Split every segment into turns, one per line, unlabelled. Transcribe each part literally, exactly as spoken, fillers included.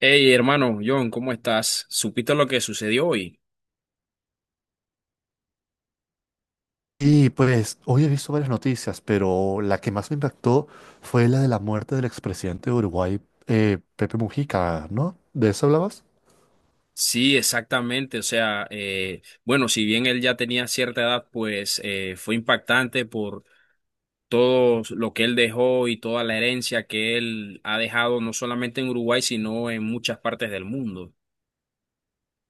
Hey, hermano, John, ¿cómo estás? ¿Supiste lo que sucedió hoy?
Y pues hoy he visto varias noticias, pero la que más me impactó fue la de la muerte del expresidente de Uruguay, eh, Pepe Mujica, ¿no? ¿De eso hablabas?
Sí, exactamente. O sea, eh, bueno, si bien él ya tenía cierta edad, pues eh, fue impactante por todo lo que él dejó y toda la herencia que él ha dejado, no solamente en Uruguay, sino en muchas partes del mundo.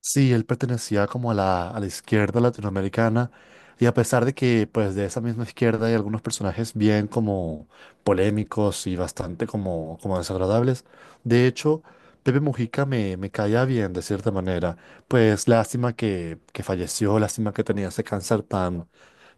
Sí, él pertenecía como a la, a la izquierda latinoamericana y a pesar de que pues de esa misma izquierda hay algunos personajes bien como polémicos y bastante como, como desagradables, de hecho, Pepe Mujica me, me caía bien de cierta manera, pues lástima que, que falleció, lástima que tenía ese cáncer tan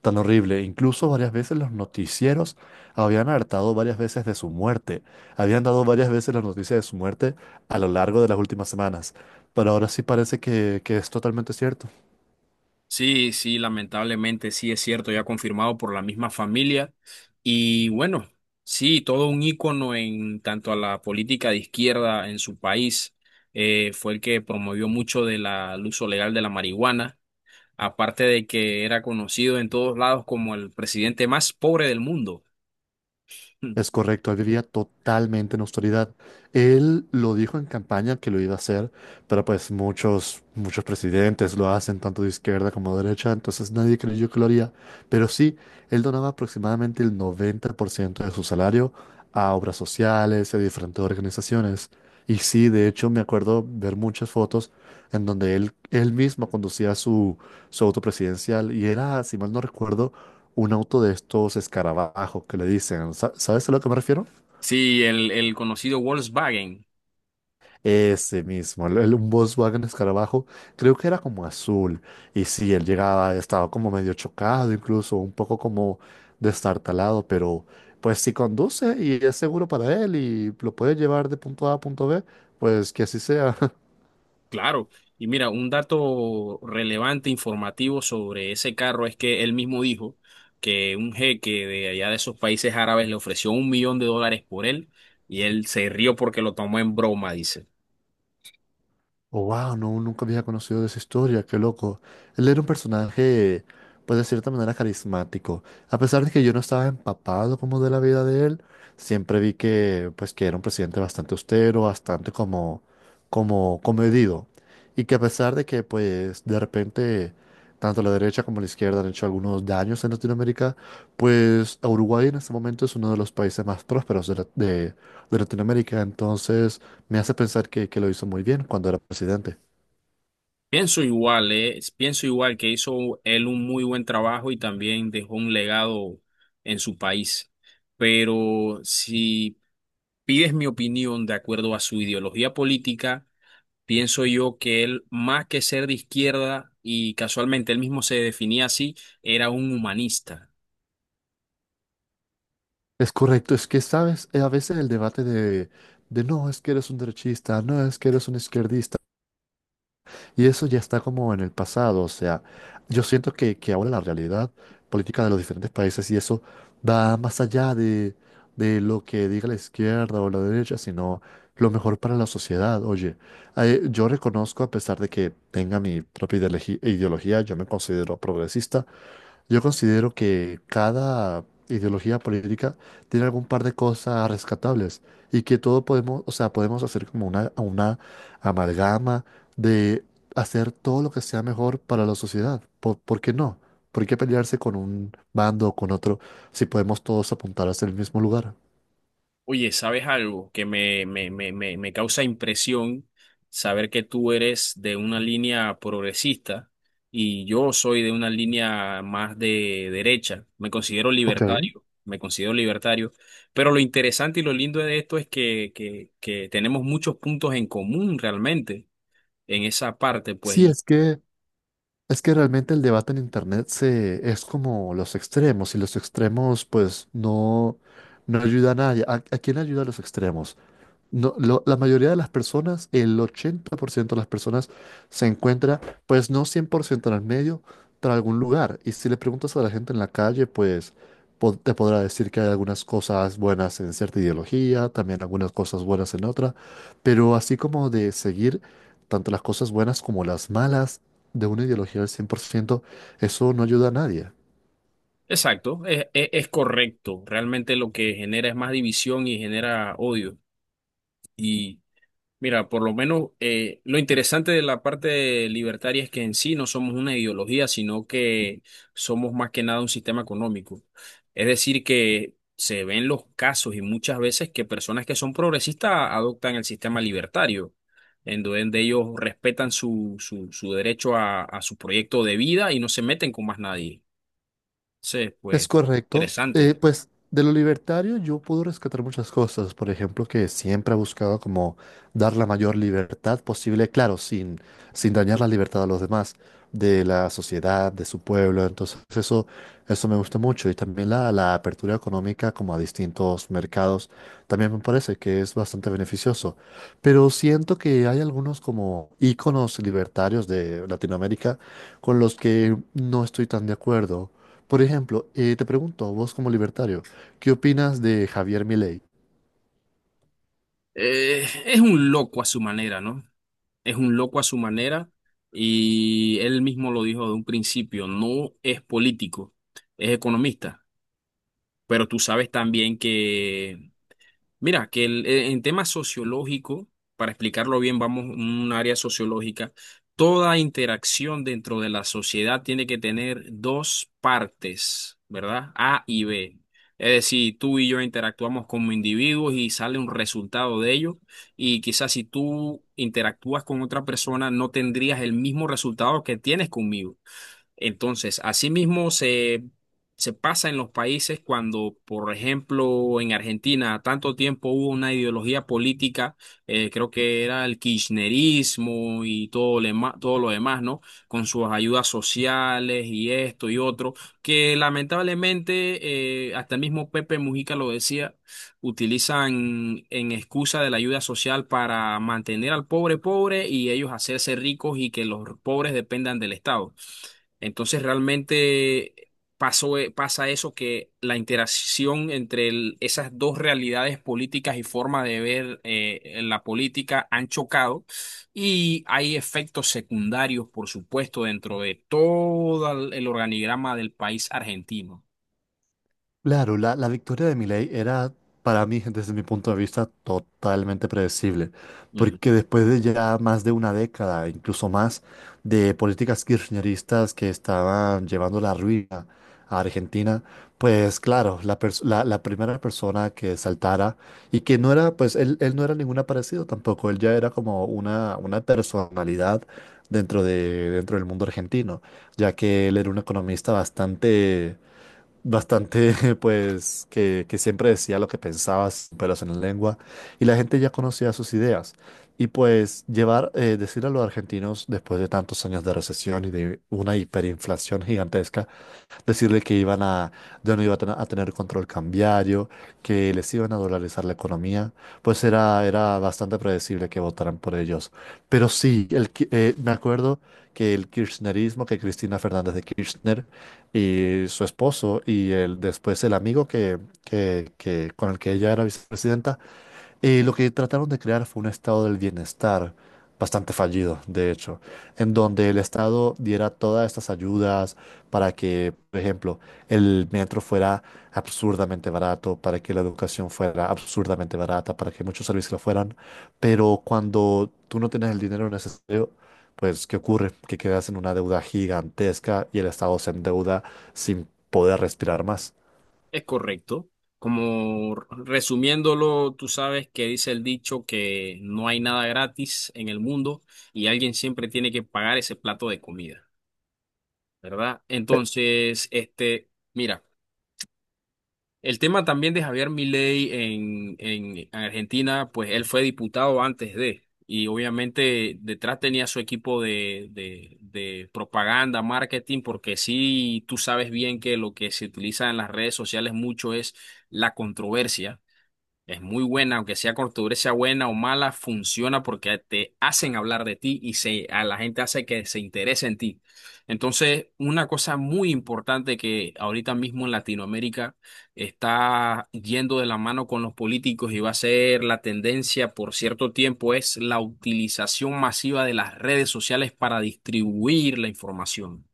tan horrible. Incluso varias veces los noticieros habían hartado varias veces de su muerte. Habían dado varias veces la noticia de su muerte a lo largo de las últimas semanas. Pero ahora sí parece que, que es totalmente cierto.
Sí, sí, lamentablemente sí es cierto, ya confirmado por la misma familia. Y bueno, sí, todo un ícono en tanto a la política de izquierda en su país. Eh, fue el que promovió mucho de la, el uso legal de la marihuana, aparte de que era conocido en todos lados como el presidente más pobre del mundo.
Es correcto, él vivía totalmente en austeridad. Él lo dijo en campaña que lo iba a hacer, pero pues muchos, muchos presidentes lo hacen, tanto de izquierda como de derecha, entonces nadie creyó que lo haría. Pero sí, él donaba aproximadamente el noventa por ciento de su salario a obras sociales y a diferentes organizaciones. Y sí, de hecho, me acuerdo ver muchas fotos en donde él, él mismo conducía su, su auto presidencial y era, si mal no recuerdo, un auto de estos escarabajos que le dicen. ¿Sa- ¿Sabes a lo que me refiero?
Sí, el, el conocido Volkswagen.
Ese mismo, el, el- un Volkswagen escarabajo, creo que era como azul. Y sí, él llegaba, estaba como medio chocado, incluso un poco como destartalado, pero pues si conduce y es seguro para él y lo puede llevar de punto A a punto B, pues que así sea.
Claro, y mira, un dato relevante, informativo sobre ese carro es que él mismo dijo que un jeque de allá de esos países árabes le ofreció un millón de dólares por él y él se rió porque lo tomó en broma, dice.
Oh, wow, no, nunca había conocido de esa historia, qué loco. Él era un personaje, pues de cierta manera carismático. A pesar de que yo no estaba empapado como de la vida de él, siempre vi que, pues, que era un presidente bastante austero, bastante como, como comedido. Y que a pesar de que, pues, de repente, tanto la derecha como la izquierda han hecho algunos daños en Latinoamérica, pues Uruguay en este momento es uno de los países más prósperos de, la- de de Latinoamérica, entonces me hace pensar que, que lo hizo muy bien cuando era presidente.
Pienso igual, eh, pienso igual que hizo él un muy buen trabajo y también dejó un legado en su país. Pero si pides mi opinión de acuerdo a su ideología política, pienso yo que él, más que ser de izquierda, y casualmente él mismo se definía así, era un humanista.
Es correcto, es que sabes. Eh, a veces el debate de, de no es que eres un derechista, no es que eres un izquierdista, y eso ya está como en el pasado, o sea, yo siento que, que ahora la realidad política de los diferentes países y eso va más allá de, de lo que diga la izquierda o la derecha, sino lo mejor para la sociedad. Oye, eh, yo reconozco, a pesar de que tenga mi propia ideologi- ideología, yo me considero progresista. Yo considero que cada ideología política tiene algún par de cosas rescatables y que todo podemos, o sea, podemos hacer como una, una amalgama de hacer todo lo que sea mejor para la sociedad. ¿Por, por qué no? ¿Por qué pelearse con un bando o con otro si podemos todos apuntar hacia el mismo lugar?
Oye, ¿sabes algo que me, me, me, me, me causa impresión? Saber que tú eres de una línea progresista y yo soy de una línea más de derecha. Me considero
Ok.
libertario, me considero libertario. Pero lo interesante y lo lindo de esto es que, que, que tenemos muchos puntos en común realmente en esa parte, pues.
Sí, es que es que realmente el debate en internet se es como los extremos y los extremos pues no no ayudan a nadie. ¿A, a quién ayuda a los extremos? No, lo- la mayoría de las personas, el ochenta por ciento de las personas, se encuentra, pues no cien por ciento en el medio, pero en algún lugar. Y si le preguntas a la gente en la calle, pues po- te podrá decir que hay algunas cosas buenas en cierta ideología, también algunas cosas buenas en otra, pero así como de seguir tanto las cosas buenas como las malas de una ideología al cien por ciento, eso no ayuda a nadie.
Exacto, es, es- es correcto. Realmente lo que genera es más división y genera odio. Y mira, por lo menos eh, lo interesante de la parte libertaria es que en sí no somos una ideología, sino que somos más que nada un sistema económico. Es decir, que se ven los casos y muchas veces que personas que son progresistas adoptan el sistema libertario, en donde ellos respetan su, su, su derecho a, a su proyecto de vida y no se meten con más nadie. Entonces, pues,
Es correcto. Eh,
interesante.
pues de lo libertario yo puedo rescatar muchas cosas. Por ejemplo, que siempre ha buscado como dar la mayor libertad posible, claro, sin, sin dañar la libertad a los demás, de la sociedad, de su pueblo. Entonces eso, eso me gusta mucho. Y también la, la apertura económica como a distintos mercados, también me parece que es bastante beneficioso. Pero siento que hay algunos como íconos libertarios de Latinoamérica con los que no estoy tan de acuerdo. Por ejemplo, eh, te pregunto vos como libertario, ¿qué opinas de Javier Milei?
Eh, es un loco a su manera, ¿no? Es un loco a su manera y él mismo lo dijo de un principio, no es político, es economista, pero tú sabes también que... Mira, que el- eh, en tema sociológico, para explicarlo bien, vamos a un área sociológica. Toda interacción dentro de la sociedad tiene que tener dos partes, ¿verdad? A y B. Es decir, tú y yo interactuamos como individuos y sale un resultado de ello. Y quizás si tú interactúas con otra persona, no tendrías el mismo resultado que tienes conmigo. Entonces, asimismo se, se pasa en los países cuando, por ejemplo, en Argentina, tanto tiempo hubo una ideología política, eh, creo que era el kirchnerismo y todo, lo ema- todo lo demás, ¿no? Con sus ayudas sociales y esto y otro, que lamentablemente, eh, hasta el mismo Pepe Mujica lo decía, utilizan en excusa de la ayuda social para mantener al pobre pobre y ellos hacerse ricos y que los pobres dependan del Estado. Entonces realmente pasó, eh, pasa eso que la interacción entre el- esas dos realidades políticas y forma de ver eh, la política han chocado y hay efectos secundarios, por supuesto, dentro de todo el el organigrama del país argentino.
Claro, la, la victoria de Milei era para mí, desde mi punto de vista, totalmente predecible,
Ujú.
porque después de ya más de una década, incluso más, de políticas kirchneristas que estaban llevando la ruina a Argentina, pues claro, la, pers- la, la primera persona que saltara y que no era, pues él, él no era ningún aparecido tampoco, él ya era como una, una personalidad dentro de, dentro del mundo argentino, ya que él era un economista bastante bastante, pues, que, que siempre decía lo que pensaba, sin pelos en la lengua, y la gente ya conocía sus ideas. Y pues llevar, eh, decir a los argentinos, después de tantos años de recesión y de una hiperinflación gigantesca, decirle que iban a, ya no iba a tener, a tener control cambiario, que les iban a dolarizar la economía, pues era, era bastante predecible que votaran por ellos. Pero sí, el, ki- eh, me acuerdo que el kirchnerismo, que Cristina Fernández de Kirchner y su esposo y el, después el amigo que, que, que, con el que ella era vicepresidenta, eh, lo que trataron de crear fue un estado del bienestar bastante fallido, de hecho, en donde el Estado diera todas estas ayudas para que, por ejemplo, el metro fuera absurdamente barato, para que la educación fuera absurdamente barata, para que muchos servicios lo fueran, pero cuando tú no tienes el dinero necesario, pues, ¿qué ocurre? Que quedas en una deuda gigantesca y el Estado se endeuda sin poder respirar más.
Es correcto. Como resumiéndolo, tú sabes que dice el dicho que no hay nada gratis en el mundo y alguien siempre tiene que pagar ese plato de comida, ¿verdad? Entonces, este, mira, el tema también de Javier Milei en, en Argentina, pues él fue diputado antes de, y obviamente detrás tenía su equipo de, de, de propaganda, marketing, porque sí, tú sabes bien que lo que se utiliza en las redes sociales mucho es la controversia es muy buena, aunque sea cortadura, sea buena o mala, funciona porque te hacen hablar de ti y se, a la gente hace que se interese en ti. Entonces, una cosa muy importante que ahorita mismo en Latinoamérica está yendo de la mano con los políticos y va a ser la tendencia por cierto tiempo es la utilización masiva de las redes sociales para distribuir la información.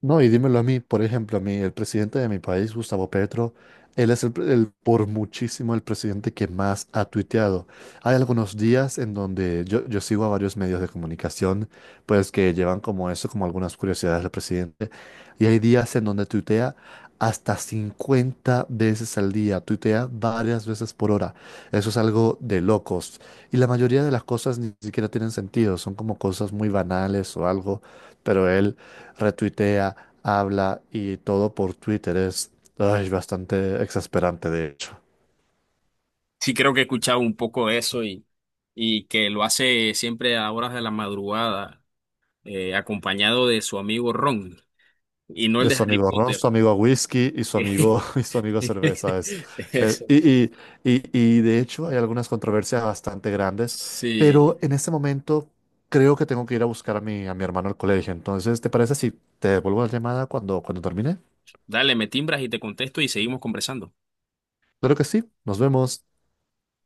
No, y dímelo a mí, por ejemplo, a mí, el presidente de mi país, Gustavo Petro, él es el, pre- el- por muchísimo el presidente que más ha tuiteado. Hay algunos días en donde yo, yo sigo a varios medios de comunicación, pues que llevan como eso, como algunas curiosidades del presidente, y hay días en donde tuitea hasta cincuenta veces al día, tuitea varias veces por hora. Eso es algo de locos. Y la mayoría de las cosas ni siquiera tienen sentido, son como cosas muy banales o algo, pero él retuitea, habla y todo por Twitter es ay, bastante exasperante, de hecho.
Sí, creo que he escuchado un poco de eso y, y que lo hace siempre a horas de la madrugada eh, acompañado de su amigo Ron, y no el
De
de
su
Harry
amigo Ron,
Potter.
su amigo Whisky y su amigo, y su amigo Cerveza. Es, eh,
Eso.
y, y, y, y de hecho hay algunas controversias bastante grandes,
Sí.
pero en este momento creo que tengo que ir a buscar a mi, a mi hermano al colegio. Entonces, ¿te parece si te devuelvo la llamada cuando, cuando termine?
Dale, me timbras y te contesto y seguimos conversando.
Claro que sí, nos vemos.